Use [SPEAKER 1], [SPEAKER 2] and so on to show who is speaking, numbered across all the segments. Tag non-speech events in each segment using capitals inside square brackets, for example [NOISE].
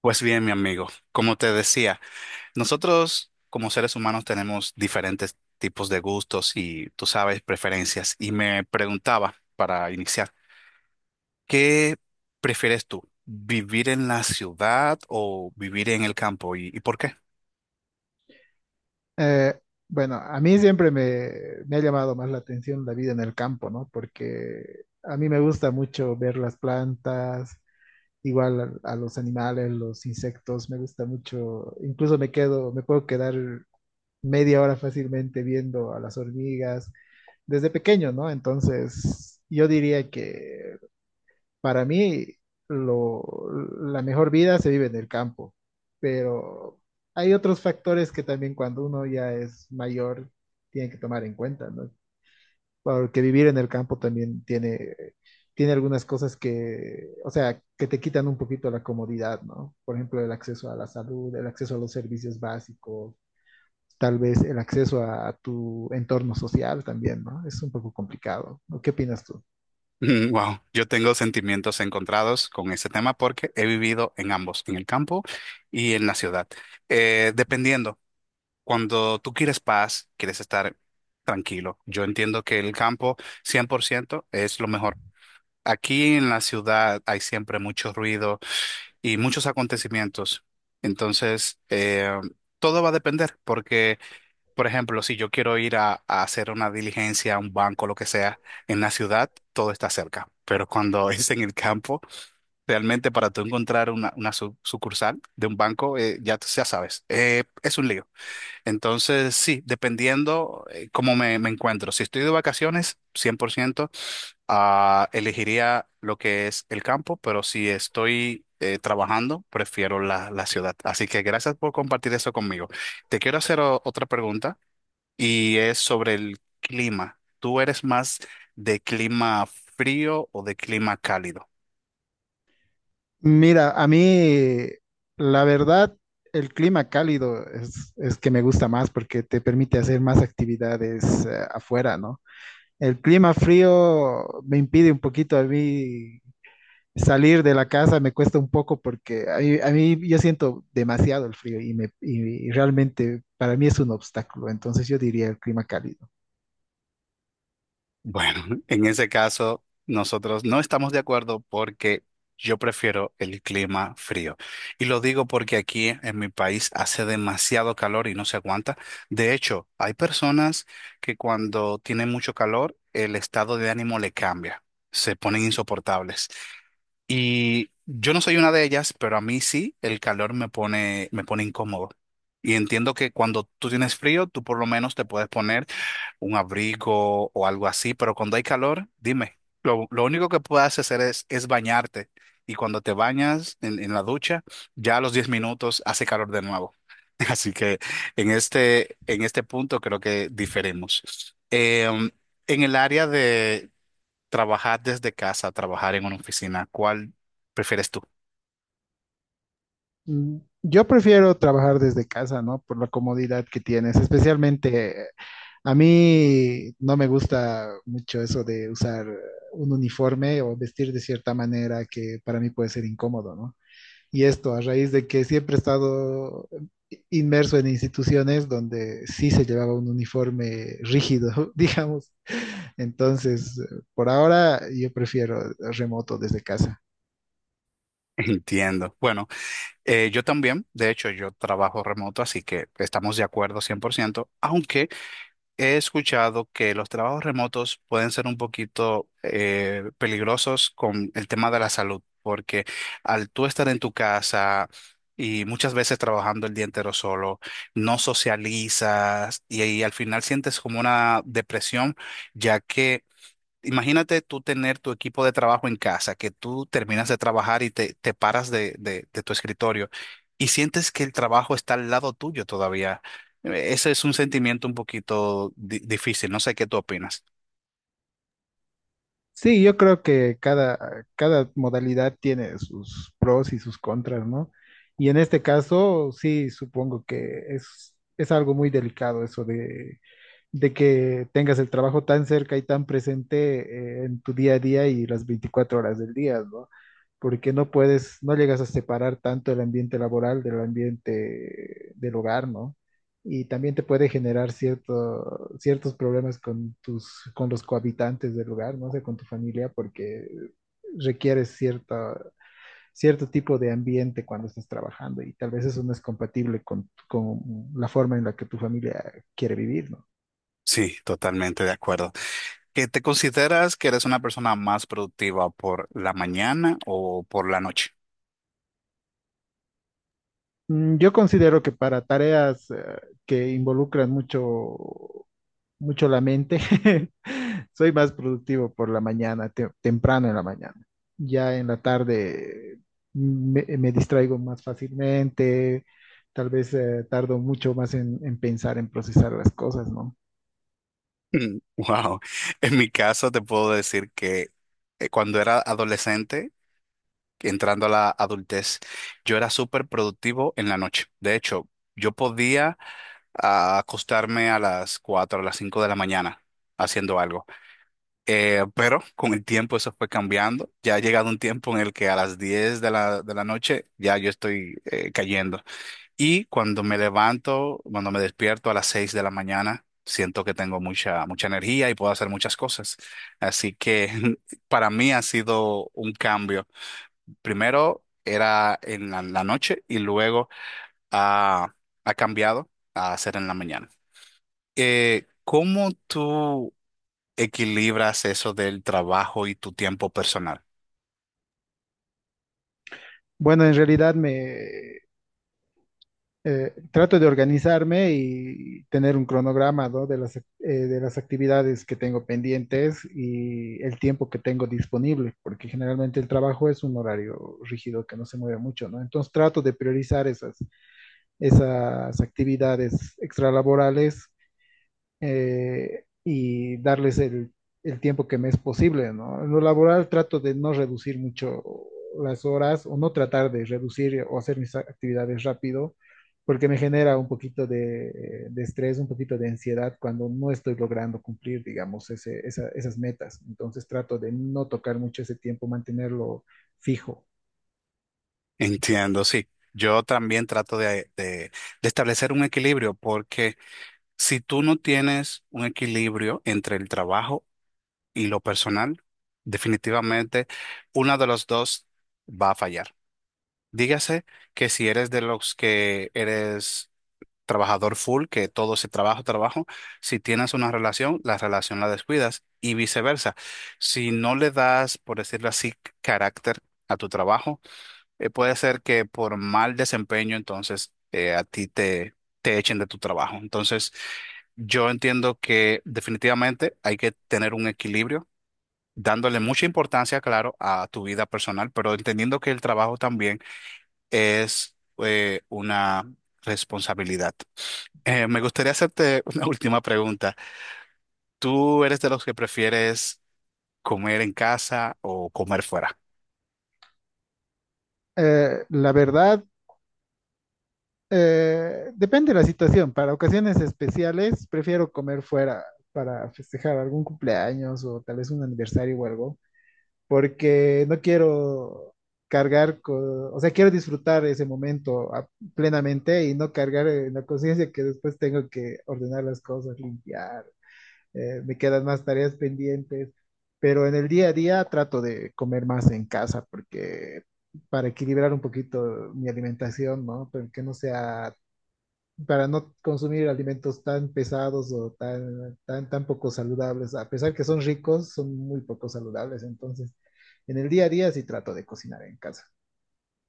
[SPEAKER 1] Pues bien, mi amigo, como te decía, nosotros como seres humanos tenemos diferentes tipos de gustos y, tú sabes, preferencias. Y me preguntaba, para iniciar, ¿qué prefieres tú? ¿Vivir en la ciudad o vivir en el campo? ¿Y por qué? [LAUGHS]
[SPEAKER 2] Eh, bueno, a mí me ha llamado más la atención la vida en el campo, ¿no? Porque a mí me gusta mucho ver las plantas, igual a los animales, los insectos, me gusta mucho, incluso me me puedo quedar media hora fácilmente viendo a las hormigas desde pequeño, ¿no? Entonces, yo diría que para mí, lo, la mejor vida se vive en el campo, pero hay otros factores que también cuando uno ya es mayor tiene que tomar en cuenta, ¿no? Porque vivir en el campo también tiene algunas cosas que, o sea, que te quitan un poquito la comodidad, ¿no? Por ejemplo, el acceso a la salud, el acceso a los servicios básicos, tal vez el acceso a, tu entorno social también, ¿no? Es un poco complicado, ¿no? ¿Qué opinas tú?
[SPEAKER 1] Mm, wow, yo tengo sentimientos encontrados con ese tema porque he vivido en ambos, en el campo y en la ciudad. Dependiendo. Cuando tú quieres paz, quieres estar tranquilo. Yo entiendo que el campo 100%, es lo mejor. Aquí en la ciudad hay siempre mucho ruido y muchos acontecimientos. Entonces, todo va a depender porque, por ejemplo, si yo quiero ir a hacer una diligencia, a un banco, lo que sea, en la ciudad, todo está cerca. Pero cuando [LAUGHS] es en el campo, realmente para tú encontrar una sucursal de un banco, ya sabes, es un lío. Entonces, sí, dependiendo cómo me encuentro. Si estoy de vacaciones, 100%, ah, elegiría lo que es el campo, pero si estoy trabajando, prefiero la ciudad. Así que gracias por compartir eso conmigo. Te quiero hacer otra pregunta y es sobre el clima. ¿Tú eres más de clima frío o de clima cálido?
[SPEAKER 2] Mira, a mí la verdad el clima cálido es que me gusta más porque te permite hacer más actividades afuera, ¿no? El clima frío me impide un poquito a mí salir de la casa, me cuesta un poco porque a mí yo siento demasiado el frío y, me, y realmente para mí es un obstáculo, entonces yo diría el clima cálido.
[SPEAKER 1] Bueno, [LAUGHS] en ese caso, nosotros no estamos de acuerdo porque yo prefiero el clima frío. Y lo digo porque aquí en mi país hace demasiado calor y no se aguanta. De hecho, hay personas que cuando tienen mucho calor, el estado de ánimo le cambia, se ponen insoportables. Y yo no soy una de ellas, pero a mí sí, el calor me pone incómodo. Y entiendo que cuando tú tienes frío, tú por lo menos te puedes poner un abrigo o algo así, pero cuando hay calor, dime, lo único que puedes hacer es bañarte. Y cuando te bañas en la ducha, ya a los 10 minutos hace calor de nuevo. [LAUGHS] Así que en este punto creo que diferimos. Em, en el área de trabajar desde casa, trabajar en una oficina, ¿cuál prefieres tú?
[SPEAKER 2] Mm, Yo prefiero trabajar desde casa, ¿no? Por la comodidad que tienes. Especialmente a mí no me gusta mucho eso de usar un uniforme o vestir de cierta manera que para mí puede ser incómodo, ¿no? Y esto a raíz de que siempre he estado inmerso en instituciones donde sí se llevaba un uniforme rígido, [LAUGHS] digamos. Entonces, por ahora yo prefiero remoto desde casa.
[SPEAKER 1] [LAUGHS] Entiendo. Bueno, yo también, de hecho, yo trabajo remoto, así que estamos de acuerdo 100%, aunque he escuchado que los trabajos remotos pueden ser un poquito peligrosos con el tema de la salud, porque al tú estar en tu casa y muchas veces trabajando el día entero solo, no socializas y al final sientes como una depresión, ya que imagínate tú tener tu equipo de trabajo en casa, que tú terminas de trabajar y te paras de tu escritorio y sientes que el trabajo está al lado tuyo todavía. Ese es un sentimiento un poquito difícil. No sé qué tú opinas.
[SPEAKER 2] Sí, yo creo que cada modalidad tiene sus pros y sus contras, ¿no? Y en este caso, sí, supongo que es algo muy delicado eso de que tengas el trabajo tan cerca y tan presente en tu día a día y las 24 horas del día, ¿no? Porque no puedes, no llegas a separar tanto el ambiente laboral del ambiente del hogar, ¿no? Y también te puede generar ciertos problemas con tus, con los cohabitantes del hogar, no sé, con tu familia, porque requieres cierto tipo de ambiente cuando estás trabajando y tal vez eso no es compatible con la forma en la que tu familia quiere vivir, ¿no?
[SPEAKER 1] Sí, totalmente de acuerdo. ¿Que te consideras que eres una persona más productiva por la mañana o por la noche? [LAUGHS]
[SPEAKER 2] Yo considero que para tareas que involucran mucho la mente, [LAUGHS] soy más productivo por la mañana, temprano en la mañana. Ya en la tarde me distraigo más fácilmente, tal vez tardo mucho más en pensar, en procesar las cosas, ¿no?
[SPEAKER 1] Mm, wow. En mi caso te puedo decir que cuando era adolescente entrando a la adultez, yo era súper productivo en la noche. De hecho, yo podía a acostarme a las 4 a las 5 de la mañana haciendo algo. Pero con el tiempo eso fue cambiando. Ya ha llegado un tiempo en el que a las 10 de de la noche ya yo estoy cayendo. Y cuando me levanto, cuando me despierto a las 6 de la mañana, siento que tengo mucha energía y puedo hacer muchas cosas. Así que [LAUGHS] para mí ha sido un cambio. Primero era en la noche y luego ha, ha cambiado a ser en la mañana. ¿Cómo tú equilibras eso del trabajo y tu tiempo personal?
[SPEAKER 2] Bueno, en realidad trato de organizarme y tener un cronograma, ¿no? de de las actividades que tengo pendientes y el tiempo que tengo disponible, porque generalmente el trabajo es un horario rígido que no se mueve mucho, ¿no? Entonces trato de priorizar esas actividades extralaborales y darles el tiempo que me es posible, ¿no? En lo laboral trato de no reducir mucho las horas o no tratar de reducir o hacer mis actividades rápido, porque me genera un poquito de estrés, un poquito de ansiedad cuando no estoy logrando cumplir, digamos, esas metas. Entonces trato de no tocar mucho ese tiempo, mantenerlo fijo.
[SPEAKER 1] [LAUGHS] Entiendo, sí. Yo también trato de establecer un equilibrio porque si tú no tienes un equilibrio entre el trabajo y lo personal, definitivamente uno de los dos va a fallar. Dígase que si eres de los que eres trabajador full, que todo se trabajo, trabajo. Si tienes una relación la descuidas y viceversa. Si no le das, por decirlo así, carácter a tu trabajo, puede ser que por mal desempeño, entonces a te echen de tu trabajo. Entonces, yo entiendo que definitivamente hay que tener un equilibrio, dándole mucha importancia, claro, a tu vida personal, pero entendiendo que el trabajo también es una responsabilidad. Me gustaría hacerte una [LAUGHS] última pregunta. ¿Tú eres de los que prefieres comer en casa o comer fuera?
[SPEAKER 2] Eh, la verdad, Depende de la situación. Para ocasiones especiales, prefiero comer fuera para festejar algún cumpleaños o tal vez un aniversario o algo, porque no quiero o sea, quiero disfrutar ese momento plenamente y no cargar en la conciencia que después tengo que ordenar las cosas, limpiar, me quedan más tareas pendientes, pero en el día a día trato de comer más en casa porque para equilibrar un poquito mi alimentación, ¿no? Pero que no sea para no consumir alimentos tan pesados o tan poco saludables. A pesar que son ricos, son muy poco saludables. Entonces, en el día a día sí trato de cocinar en casa.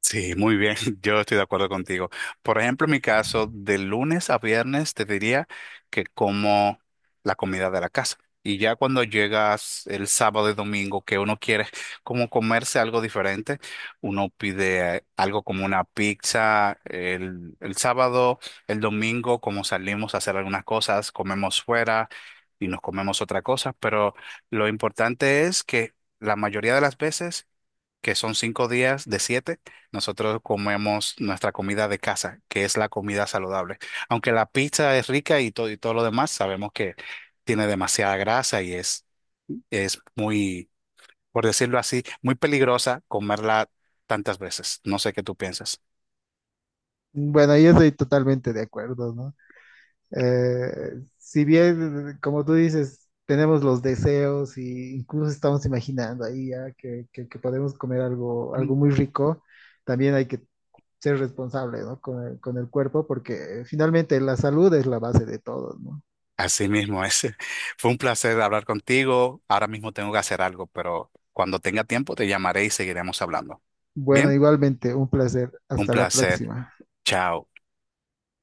[SPEAKER 1] Sí, muy bien, [LAUGHS] yo estoy de acuerdo contigo. Por ejemplo, en mi caso, de lunes a viernes te diría que como la comida de la casa. Y ya cuando llegas el sábado y domingo, que uno quiere como comerse algo diferente, uno pide algo como una pizza el sábado, el domingo, como salimos a hacer algunas cosas, comemos fuera y nos comemos otra cosa. Pero lo importante es que la mayoría de las veces que son 5 días de 7, nosotros comemos nuestra comida de casa, que es la comida saludable. Aunque la pizza es rica y todo lo demás, sabemos que tiene demasiada grasa y es muy, por decirlo así, muy peligrosa comerla tantas veces. No sé qué tú piensas.
[SPEAKER 2] Bueno, ahí estoy totalmente de acuerdo, ¿no? Si bien, como tú dices, tenemos los deseos e incluso estamos imaginando ahí ya que podemos comer algo, algo
[SPEAKER 1] Mm.
[SPEAKER 2] muy rico, también hay que ser responsable, ¿no? Con el cuerpo, porque finalmente la salud es la base de todo, ¿no?
[SPEAKER 1] Así mismo es. [LAUGHS] Fue un placer hablar contigo. Ahora mismo tengo que hacer algo, pero cuando tenga tiempo te llamaré y seguiremos hablando.
[SPEAKER 2] Bueno,
[SPEAKER 1] Bien,
[SPEAKER 2] igualmente, un placer.
[SPEAKER 1] un
[SPEAKER 2] Hasta la
[SPEAKER 1] placer.
[SPEAKER 2] próxima.
[SPEAKER 1] Chao.